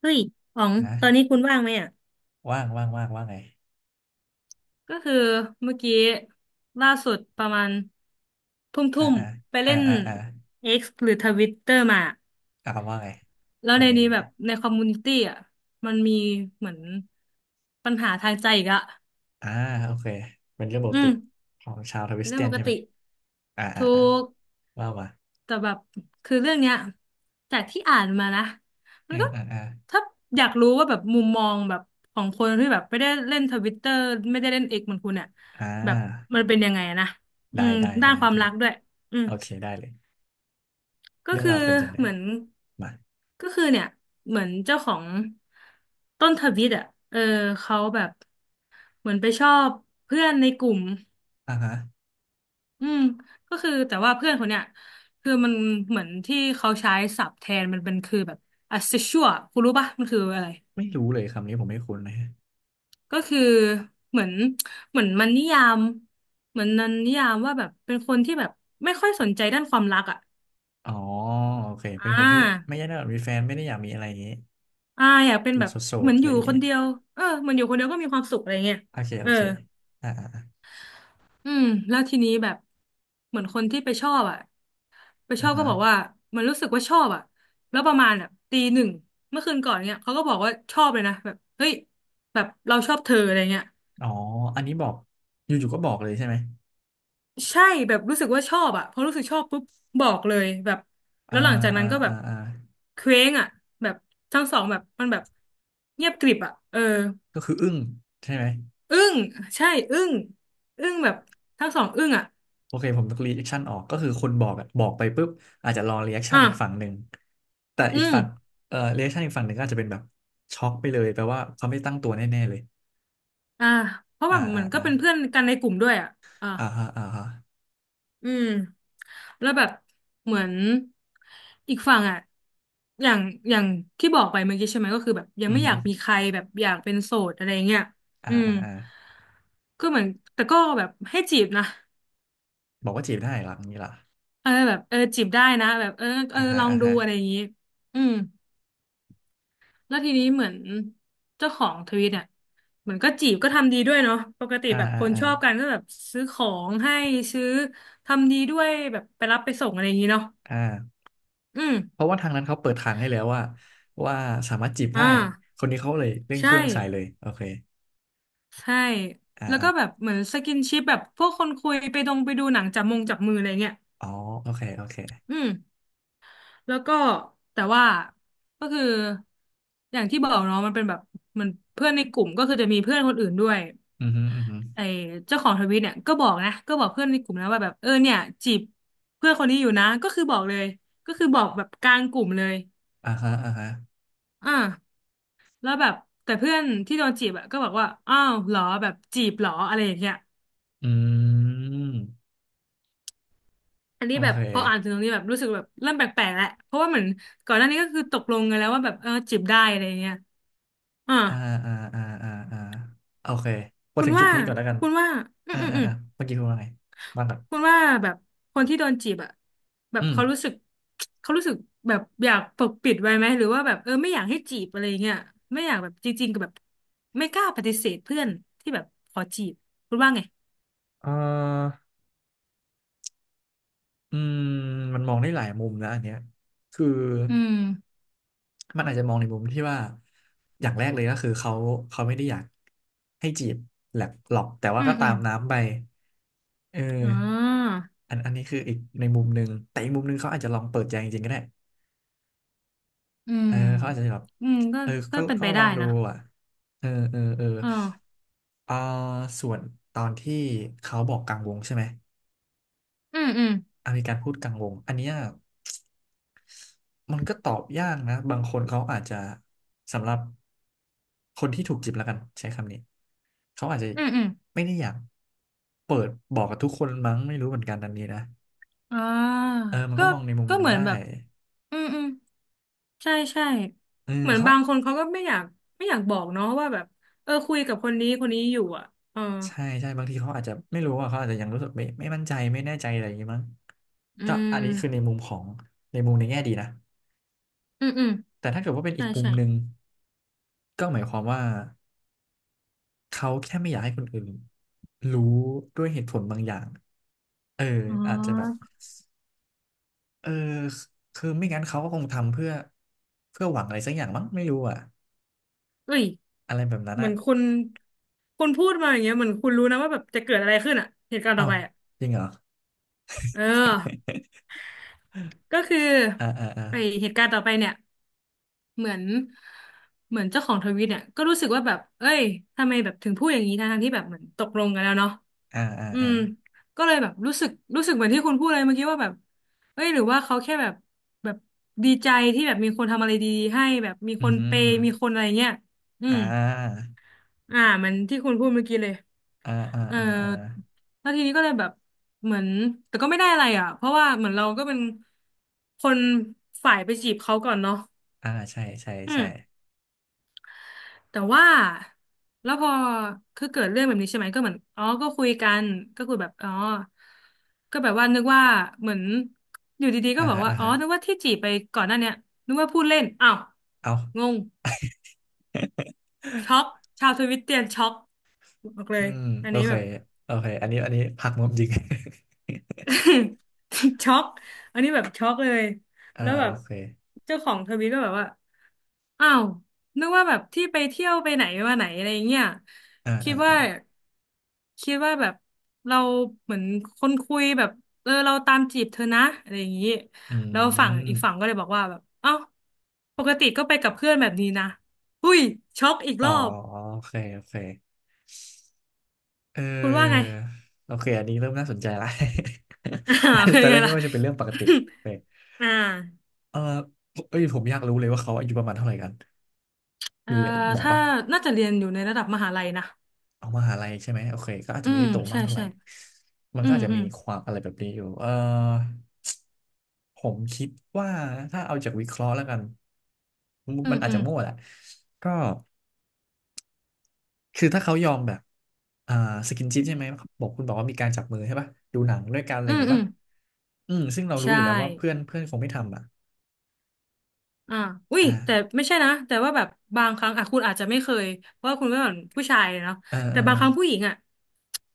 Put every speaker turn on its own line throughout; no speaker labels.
เฮ้ยอ๋อง
ฮะ
ตอนนี้คุณว่างไหมอ่ะ
ว่างว่างว่างว่างไง
ก็คือเมื่อกี้ล่าสุดประมาณทุ่ม
อ่า
ทุ่ม
อ่า
ไป
อ่า
เล่น
อ่าอ่า
X หรือทวิตเตอร์มา
อ่าว่าไง
แล้ว
เป็น
ใน
ไง
นี้
เป็น
แบ
ไง
บในคอมมูนิตี้อ่ะ มันมีเหมือนปัญหาทางใจอีกอะ
อ่าโอเคเป็นเรื่องปก
อื
ติ
ม
ของชาวทวิ
เป็น
ส
เรื่อ
เตี
ง
ยน
ปก
ใช่ไหม
ติ
อ่าอ่า
ทู
อ่า
ก
ว่ามา
แต่แบบคือเรื่องเนี้ยจากที่อ่านมานะมัน
เ่า
ก็
อ่าอ่า
ถ้าอยากรู้ว่าแบบมุมมองแบบของคนที่แบบไม่ได้เล่นทวิตเตอร์ไม่ได้เล่นเอกเหมือนคุณเนี่ย
อ่
แบบ
า
มันเป็นยังไงอะนะอื
ได้
ม
ได้
ด้าน
ได้
ความ
ได้
รักด้วยอืม
โอเคได้เลย
ก็
เรื่อง
คือ
ราวเป็นจังได
เหมือน
มา
ก็คือเนี่ยเหมือนเจ้าของต้นทวิตอ่ะเออเขาแบบเหมือนไปชอบเพื่อนในกลุ่ม
อ่าฮะ
อืมก็คือแต่ว่าเพื่อนคนเนี้ยคือมันเหมือนที่เขาใช้ศัพท์แทนมันเป็นคือแบบ asexual คุณรู้ปะมันคืออะไร
ไม่รู้เลยคำนี้ผมไม่คุ้นเลย
ก็คือเหมือนเหมือนมันนิยามเหมือนนันนิยามว่าแบบเป็นคนที่แบบไม่ค่อยสนใจด้านความรักอ่ะ
อ๋อโอเค
อ่
เป็นคนที่
า
ไม่ได้มีแฟนไม่ได้อยากมีอะไรอย่างงี้
อ่าอยากเป็น
อยู่
แบบ
โส
เหมื
ด
อ
ๆ
น
อะ
อ
ไร
ยู่
อย่าง
ค
งี้
นเดียวเออเหมือนอยู่คนเดียวก็มีความสุขอะไรเงี้ย
โอเคโอ
เออ
เคอ่าอ่าอ่า
อืมแล้วทีนี้แบบเหมือนคนที่ไปชอบอ่ะ ไปช
อ่า
อบก็
ฮะ
บอกว่ามันรู้สึกว่าชอบอ่ะแล้วประมาณแบบตีหนึ่งเมื่อคืนก่อนเนี่ยเขาก็บอกว่าชอบเลยนะแบบเฮ้ยแบบเราชอบเธออะไรเงี้ย
อ๋ออันนี้บอกอยู่ๆก็บอกเลยใช่ไหม
ใช่แบบรู้สึกว่าชอบอ่ะพอรู้สึกชอบปุ๊บบอกเลยแบบ
อ่า
แล้วหลังจากนั้
อ่า
นก็แบ
อ่า
บ
อ่า
เคว้งอ่ะแบบทั้งสองแบบมันแบบเงียบกริบอ่ะเออ
ก็คืออึ้งใช่ไหม
อึ้งใช่อึ้งอึ้งแบบทั้งสองอึ้งอ่ะ
โอเคผมต้องรีแอคชั่นออกก็คือคนบอกอะบอกไปปุ๊บอาจจะรอรีแอคชั่
อ่ะ
นอีกฝั่งหนึ่งแต่
อื
อีก
ม
ฝั่งรีแอคชั่นอีกฝั่งหนึ่งก็อาจจะเป็นแบบช็อกไปเลยแปลว่าเขาไม่ตั้งตัวแน่ๆเลย
อ่าเพราะ
อ่า
ว่าเห
อ่า
มือนก็
อ่า
เป็นเพื่อนกันในกลุ่มด้วยอ่ะอ่ะ
อ่าฮะอ่าฮะ
อืมแล้วแบบเหมือนอีกฝั่งอ่ะอย่างอย่างที่บอกไปเมื่อกี้ใช่ไหมก็คือแบบยัง
อือ
ไม่อ
ฮึ
ยากมีใครแบบอยากเป็นโสดอะไรเงี้ย
อ่า
อืม
อ่าอ่า
ก็เหมือนแต่ก็แบบให้จีบนะ
บอกว่าจีบได้เหรออย่างนี้เหรอ
เออแบบเออจีบได้นะแบบเออเอ
อ่า
อ
ฮะ
ลอง
อ่า
ดู
ฮะ
อะไรอย่างงี้อืมแล้วทีนี้เหมือนเจ้าของทวิตเนี่ยเหมือนก็จีบก็ทำดีด้วยเนาะปกติ
อ่า
แบบ
อ่า
คน
อ่า
ชอบกันก็แบบซื้อของให้ซื้อทำดีด้วยแบบไปรับไปส่งอะไรอย่างงี้เนาะ
อ่า
อืม
เพราะว่าทางนั้นเขาเปิดทางให้แล้วว่าว่าสามารถจีบได้
อ่า
คนนี้เขาเลยเร่งเค
ใช่
รื่องใส่เลยโอเค
ใช่แล้วก็แบบเหมือนสกินชิปแบบพวกคนคุยไปดงไปดูหนังจับมงจับมืออะไรเงี้ย
อ๋อโอเคโอเค
อืมแล้วก็แต่ว่าก็คืออย่างที่บอกเนาะมันเป็นแบบเหมันเพื่อนในกลุ่มก็คือจะมีเพื่อนคนอื่นด้วย
อือฮึอือฮึ
ไอ้เจ้าของทวิตเนี่ยก็บอกนะก็บอกเพื่อนในกลุ่มนะว่าแบบเออเนี่ยจีบเพื่อนคนนี้อยู่นะก็คือบอกเลยก็คือบอกแบบกลางกลุ่มเลย
อ่าฮะอ่าฮะ
อ่าแล้วแบบแต่เพื่อนที่โดนจีบอะก็บอกว่าอ้าวเหรอแบบจีบเหรออะไรอย่างเงี้ย
อืม
อันนี้
โอ
แบบ
เค
พออ่านถึงตรงนี้แบบรู้สึกแบบเริ่มแปลกๆแล้วเพราะว่าเหมือนก่อนหน้านี้ก็คือตกลงกันแล้วว่าแบบเออจีบได้อะไรเงี้ยอ่า
อ่าอ่าอ่าอ่าอ่าโอเคมา
คุ
ถึ
ณ
งจุด
ว่า
นี้ก่อนแล้วกัน
คุณว่าอืม
อ่า
อืม
อ่า
อืม
อ่าเมื่อกี้คุณว่าไงบ้างครับ
คุณว่าแบบคนที่โดนจีบอะแบ
อื
บ
ม
เขารู้สึกแบบอยากปกปิดไว้ไหมหรือว่าแบบเออไม่อยากให้จีบอะไรเงี้ยไม่อยากแบบจริงๆกับแบบไม่กล้าปฏิเสธเพื่อนที่แบบขอจีบคุณว่าไง
เอ่ออืมมันมองได้หลายมุมนะอันเนี้ยคือ
อืม
มันอาจจะมองในมุมที่ว่าอย่างแรกเลยก็คือเขาไม่ได้อยากให้จีบแหลกหรอกแต่ว่า
อื
ก็
มอื
ตา
ม
มน้ำไปเออ
อ๋อ
อันนี้คืออีกในมุมหนึ่งแต่อีกมุมหนึ่งเขาอาจจะลองเปิดใจจริงๆก็ได้
อื
เอ
ม
อเขาอาจจะแบบ
อืมก็
เออ
ก็เป็น
ก็
ไป
ล
ได้
องดู
นะ
อ่ะเออเออเออ
เออ
อ่าส่วนตอนที่เขาบอกกลางวงใช่ไหม
อืมอืม
อ่ะมีการพูดกลางวงอันเนี้ยมันก็ตอบยากนะบางคนเขาอาจจะสำหรับคนที่ถูกจีบแล้วกันใช้คำนี้เขาอาจจะ
อืมอืม
ไม่ได้อยากเปิดบอกกับทุกคนมั้งไม่รู้เหมือนกันอันนี้นะ
อ่า
เออมัน
ก็
ก็มองในมุม
ก็
นั้
เห
น
มือน
ได้
แบบอืมอืมใช่ใช่
เออ
เหมือน
เขา
บางคนเขาก็ไม่อยากบอกเนาะว่าแบบเออคุยกับคนนี้คนนี้อยู่อ่ะเออ
ใช่ใช่บางทีเขาอาจจะไม่รู้ว่าเขาอาจจะยังรู้สึกไม่มั่นใจไม่แน่ใจอะไรอย่างงี้มั้ง
อื
ก็อันนี้คือใน
ม
มุมของในมุมในแง่ดีนะ
อืมอืม
แต่ถ้าเกิดว่าเป็น
ใช่
อีกมุม
ใช่
หนึ่งก็หมายความว่าเขาแค่ไม่อยากให้คนอื่นรู้ด้วยเหตุผลบางอย่างเออ
อ๋อ
อาจจะแบบเออคือไม่งั้นเขาก็คงทำเพื่อหวังอะไรสักอย่างมั้งไม่รู้อ่ะ
เอ้ย
อะไรแบบนั้น
เหมื
อ่ะ
อนคุณพูดมาอย่างเงี้ยเหมือนคุณรู้นะว่าแบบจะเกิดอะไรขึ้นอ่ะเหตุการณ์ต่
เอ้า
อไปอ่ะ
จริงเหรอ
เออก็คือ
อ่าอ่าอ่า
ไอเหตุการณ์ต่อไปเนี่ย เหมือนเหมือนเจ้าของทวิตเนี่ยก็รู้สึกว่าแบบเอ้ยทำไมแบบถึงพูดอย่างนี้ทั้งๆที่แบบเหมือนตกลงกันแล้วเนาะ
อ่าอ่า
อื
อ่า
มก็เลยแบบรู้สึกเหมือนที่คุณพูดเลยเมื่อกี้ว่าแบบเอ้ยหรือว่าเขาแค่แบบแบบดีใจที่แบบมีคนทำอะไรดีๆให้แบบมี
อื
ค
มอ
น
หือ
เป
อือหื
ย์
อ
มีคนอะไรเงี้ยอืมอ่าเหมันที่คุณพูดเมื่อกี้เลย
อ่าอ่า
เออ
อ่าอ่า
แล้วทีนี้ก็เลยแบบเหมือนแต่ก็ไม่ได้อะไรอ่ะเพราะว่าเหมือนเราก็เป็นคนฝ่ายไปจีบเขาก่อนเนาะ
อ่าใช่ใช่
อืม
ใช่
แต่ว่าแล้วพอคือเกิดเรื่องแบบนี้ใช่ไหมก็เหมือนอ๋อก็คุยกันก็คุยแบบอ๋อก็แบบว่านึกว่าเหมือนอยู่ดีๆก็
อ่า
บอก
ฮะ
ว่า
อ่า
อ๋อ
ฮะ
นึกว่าที่จีบไปก่อนหน้าเนี้ยนึกว่าพูดเล่นอ้า
เอา
วงงช็อก ชาวทวิตเตียนช็อกบอกเล
อื
ย
ม
อัน
โอ
นี้
เค
แบบ
โอเคอันนี้อันนี้ผักมุมจริง
ช็อกอันนี้แบบช็อกเลย
อ่า
แล้วแบ
โอ
บ
เค
เจ้าของทวิตก็แบบว่า อ้าวนึกว่าแบบที่ไปเที่ยวไปไหนมาไหนอะไรเงี้ย
อ่า
คิด
อ่า
ว่า
อ่า
คิดว่าแบบเราเหมือนคนคุยแบบเออเราตามจีบเธอนะอะไรอย่างนี้
อื
แล้วฝั่งอีก
ม
ฝั่งก็เลยบอกว่าแบบเอ้าปกติก็ไปกับเพื่อนแบบนี้นะหุ้ยช็อกอีก
อ๋
ร
อ
อบ
โอเคโอเคเอ
คุณว่าไง
อโอเคอันนี้เริ่มน่าสนใจละ
อ่าเป็
ต
น
อนแร
ไง
กนึก
ล่ะ
ว่าจะเป็นเรื่องปกติเออ
อ่า
เออเอ้ยผมอยากรู้เลยว่าเขาอายุประมาณเท่าไหร่กัน
เอ่อ
มีบอก
ถ้า
ปะ
น่าจะเรียนอยู่ในระดับมหาลัยนะ
เอามหาลัยใช่ไหมโอเคก็อาจ
อื
จะไม่
ม
ได้โตมา
ใช่
กเท่าไหร่
ใช่
มัน
อื
ก็
ม
อาจจะ
อื
มี
ม
ความอะไรแบบนี้อยู่เออ ผมคิดว่าถ้าเอาจากวิเคราะห์แล้วกัน
อื
มั
ม
นอาจ
อื
จะ
ม
มั่วแหละก็คือถ้าเขายอมแบบอ่าสกินชิปใช่ไหมบอกคุณบอกว่ามีการจับมือใช่ป่ะดูหนังด้วยกันอะไร
อื
อย่าง
ม
งี้
อืม
ป่ะอืมซึ่งเรารู้
ใช่
อยู่แล้วว่าเพื่อนเพื่อนคงไม่ทำอ่ะ
อ่าอุ้ยแต่
อ่า
ไม่ใช่นะแต่ว่าแบบบางครั้งอ่ะคุณอาจจะไม่เคยเพราะว่าคุณก็เป็นผู้ชายเนาะ
เออเอ
แต่
อเอ
บางครั้งผู้
อ
หญิงอ่ะ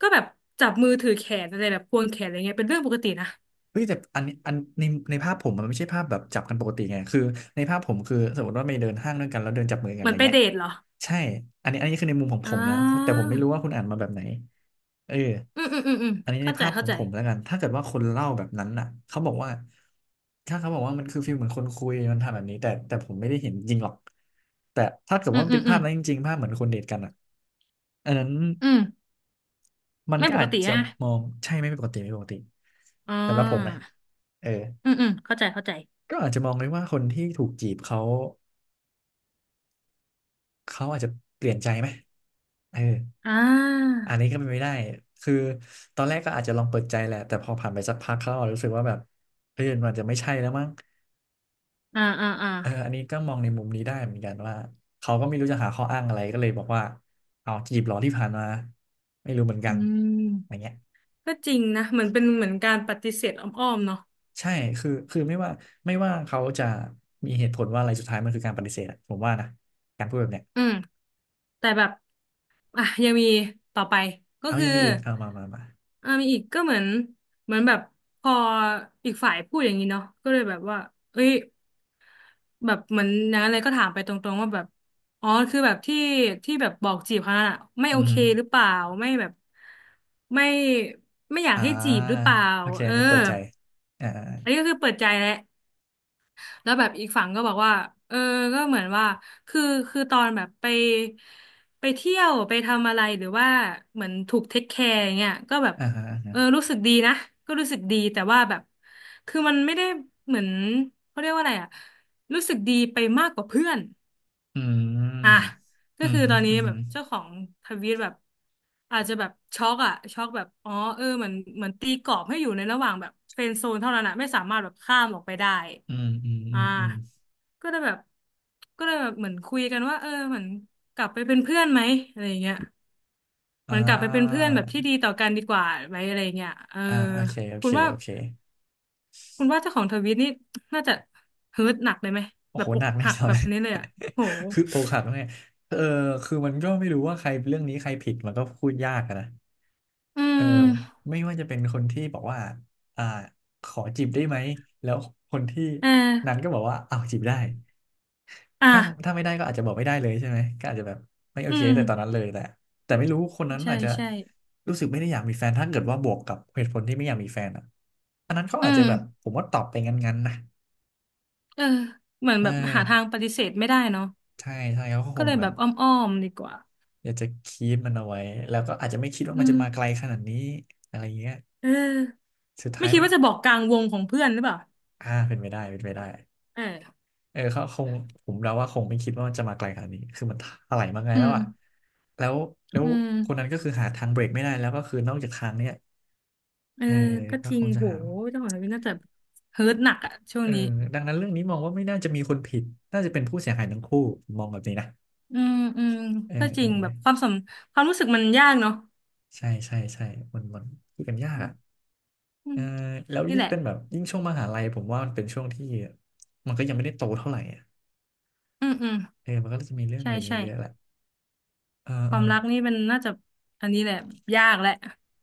ก็แบบจับมือถือแขนอะไรแบบควงแขนอะไรเงี้ยเป็นเรื่องปกตินะ
เฮ้ยแต่อันนี้อันในในภาพผมมันไม่ใช่ภาพแบบจับกันปกติไงคือในภาพผมคือสมมติว่าไปเดินห้างด้วยกันแล้วเดินจับมือกัน
เห
อะ
มือ
ไร
นไป
เงี้ย
เดทเหรอ
ใช่อันนี้อันนี้คือในมุมของ
อ่
ผมนะแต่
า
ผมไม่รู้ว่าคุณอ่านมาแบบไหน เออ
อืมอืมอืมอืม
อันนี้ใน
เข้าใจ
ภาพข
เข้า
อง
ใจ
ผมแล้วกัน ถ้าเกิดว่าคนเล่าแบบนั้นน่ะเขาบอกว่าถ้าเขาบอกว่ามันคือฟีลเหมือนคนคุยมันทำแบบนี้แต่ผมไม่ได้เห็นจริงหรอกแต่ถ้าเกิด
อื
ว่า
ม
มัน
อื
เป็
ม
น
อื
ภาพ
ม
นั้นจริงๆภาพเหมือนคนเดทกันอ่ะอันนั้น
อืม
มัน
ไม่
ก็
ปก
อาจ
ติ
จะ
ฮะ
มองใช่ไม่ปกติไม่ปกติ
อ่
สำหรับผมนะ
า
เออ
อืมอืมเข้าใจเข้าใจ
ก็อาจจะมองเลยว่าคนที่ถูกจีบเขาอาจจะเปลี่ยนใจไหมเออ
อ่า
อันนี้ก็เป็นไม่ได้ คือ ตอนแรกก็อาจจะลองเปิดใจแหละแต่พอผ่านไปสักพักเขาอาจรู้สึกว่าแบบเฮ้ยมันอาจจะไม่ใช่แล้วมั้ง
อ่าอ่าอ่า
เอออันนี้ก็มองในมุมนี้ได้เหมือนกันว่าเขาก็ไม่รู้จะหาข้ออ้างอะไรก็เลยบอกว่าเอาจีบเหรอที่ผ่านมาไม่รู้เหมือนกั
อื
นอย่าง
ม
เงี้ย
ก็จริงนะเหมือนเป็นเหมือนการปฏิเสธอ้อมๆเนาะ
ใช่คือไม่ว่าเขาจะมีเหตุผลว่าอะไรสุดท้ายมันคือการปฏิเสธอะผมว่านะการพูดแบบเนี้ย
อืมแต่แบบอ่ะยังมีต่อไปก็
เอา
คื
ยั
อ
งมีอีกเอามา
อ่ามีอีกก็เหมือนเหมือนแบบพออีกฝ่ายพูดอย่างนี้เนาะก็เลยแบบว่าเอ้ยแบบเหมือนอย่างนั้นเลยก็ถามไปตรงๆว่าแบบอ๋อคือแบบที่ที่แบบบอกจีบเขานั่นอะไม่โอ
อือ
เค
ฮึ
หรือเปล่าไม่แบบไม่ไม่อยา
อ
กให้จีบ
่า
หรือเปล่า
โอเค
เออ
อันนี้เปิดใจอ่า
อันนี้ก็คือเปิดใจแล้ว แล้วแบบอีกฝั่งก็บอกว่าเออก็เหมือนว่าคือคือตอนแบบไปไปเที่ยวไปทำอะไรหรือว่าเหมือนถูกเทคแคร์อย่างเงี้ยก็แบบ
อ่าอ
เออ
่า
รู้สึกดีนะก็รู้สึกดีแต่ว่าแบบคือมันไม่ได้เหมือนเขาเรียกว่าอะไรอะรู้สึกดีไปมากกว่าเพื่อน
อื
อ่ะ
ม
ก็
อืม
คือ
ฮึ
ตอนนี้
อืม
แบ
ฮึ
บเจ้าของทวีตแบบอาจจะแบบช็อกอะช็อกแบบอ๋อเออเหมือนเหมือนตีกรอบให้อยู่ในระหว่างแบบเฟรนด์โซนเท่านั้นอะไม่สามารถแบบข้ามออกไปได้
อืมอืมอืมอืม
อ่าก็เลยแบบก็เลยแบบเหมือนคุยกันว่าเออเหมือนกลับไปเป็นเพื่อนไหมอะไรอย่างเงี้ยเห
อ่
มือนกลับไปเป็นเพื่อ
า
นแบบที่ดีต่อกันดีกว่าไหมอะไรอย่างเงี้ยเออ
อ่าโอเค
คุณว่าคุณว่าเจ้าของทวีตนี่น่าจะเฮิร์ตหนักเลยไหม
โอ้
แบ
โห
บอ
ห
ก
นักแน่
หัก
นอ
แบ
น
บนี้เลยอะโห
คือโอกหักเนี่ยเออคือมันก็ไม่รู้ว่าใครเรื่องนี้ใครผิดมันก็พูดยากอะนะ
อื
เออ
ม
ไม่ว่าจะเป็นคนที่บอกว่าอ่าขอจีบได้ไหมแล้วคนที่
เอ
นั้น
อ
ก็บอกว่าเอาวจีบได้
อ่ะ
ถ้าถ้าไม่ได้ก็อาจจะบอกไม่ได้เลยใช่ไหมก็อาจจะแบบไม่โอ
อื
เค
ม
แต่ตอนนั้นเลยแต่ไม่รู้คนนั้น
ใช่
อาจจะ
ใช่
รู้สึกไม่ได้อยากมีแฟนถ้าเกิดว่าบวกกับเหตุผลที่ไม่อยากมีแฟนอ่ะอันนั้นเขา
อื
อาจจะ
ม
แบบผมว่าตอบไปงั้นๆนะ
เออเหมือน
เอ
แบบหาทาง
อ
ปฏิเสธไม่ได้เนาะ
ใช่ใช่เขาก็ค
ก็
ง
เลย
แบ
แบ
บ
บอ้อมๆดีกว่า
อยากจะคีปมันเอาไว้แล้วก็อาจจะไม่คิดว่า
อื
มันจะ
ม
มาไกลขนาดนี้อะไรเงี้ย
เออ
สุด
ไม่
ท้าย
คิด
มัน
ว่าจะบอกกลางวงของเพื่อนหรือเปล่า
อ่าเป็นไปได้
เออ
เออเขาคงผมเดาว่าคงไม่คิดว่ามันจะมาไกลขนาดนี้คือมันถลายมาไง
อื
แล้ว
ม
อ่ะแล้วแล้ว
อืม
คนนั้นก็คือหาทางเบรกไม่ได้แล้วก็คือนอกจากทางเนี้ย
เออ
เออ
ก็
ก็
จริ
ค
ง
งจะ
โห
หา
เจ้าของทวิตน่าจะเฮิร์ตหนักอะช่วง
เออ
นี้
ดังนั้นเรื่องนี้มองว่าไม่น่าจะมีคนผิดน่าจะเป็นผู้เสียหายทั้งคู่มองแบบนี้นะ
อืมอืม
เออ
ก็จ
เอ
ริงแบบค
อ
วามสมความรู้สึกมันยากเนาะ
ใช่ใช่ใช่มันคุยกันยากอ่ะ
อื
เออ
ม
แล้ว
นี่
ยิ่
แห
ง
ละ
เป็นแบบยิ่งช่วงมหาลัยผมว่ามันเป็นช่วงที่มันก็ยังไม่ได้โตเท่าไหร่อ่ะ
อืมอืม
เออมันก็จะมีเรื่อง
ใช่
อะไรอย่างเงี้
ใช่
ยเยอะแหละเออ
ค
เอ
วาม
อ
รักนี่มันน่าจะอันนี้แหละยากแหละ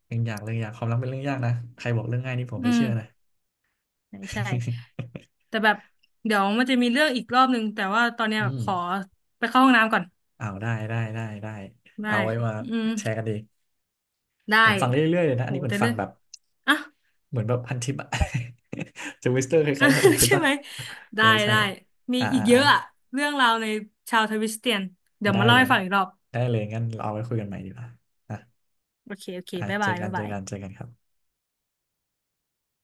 อย่างเลยอยากความรักเป็นเรื่องยากนะใครบอกเรื่องง่ายนี่ผม
อื
ไม่
ม
เชื่อนะ
ใช่ใช่ แต่แบบเดี๋ยวมันจะมีเรื่องอีกรอบนึงแต่ว่าตอนเนี้ย
อื
แบบ
ม
ขอไปเข้าห้องน้ำก่อน
เอาได้
ได้
เอาไว้มา
อืม
แชร์กันดี
ได้
ผมฟังเรื่อยๆเลยนะ
โห
อันนี้เหมือ
แต่
นฟั
เรื่
ง
อง
แบบ
อ่ะ
เหมือนแบบพันทิปอะ จะวิสเตอร์ค
อ่ะ
ล้ายๆพันทิ ป
ใช่
อะ
ไหมได้
ใช่ใช่
ได้มี
อ่า
อีก
อ่า
เย
อ่า
อะอะเรื่องราวในชาวทวิสเตียนเดี๋ยว
ได้
มาเล่า
เล
ให้
ย
ฟังอีกรอบ
งั้นเราเอาไว้คุยกันใหม่ดีกว่า อ่ะ
โอเคโอเค
อ่ะ
บ๊าย
เจอ
บาย
กัน
บ๊ายบาย
เจอกันครับ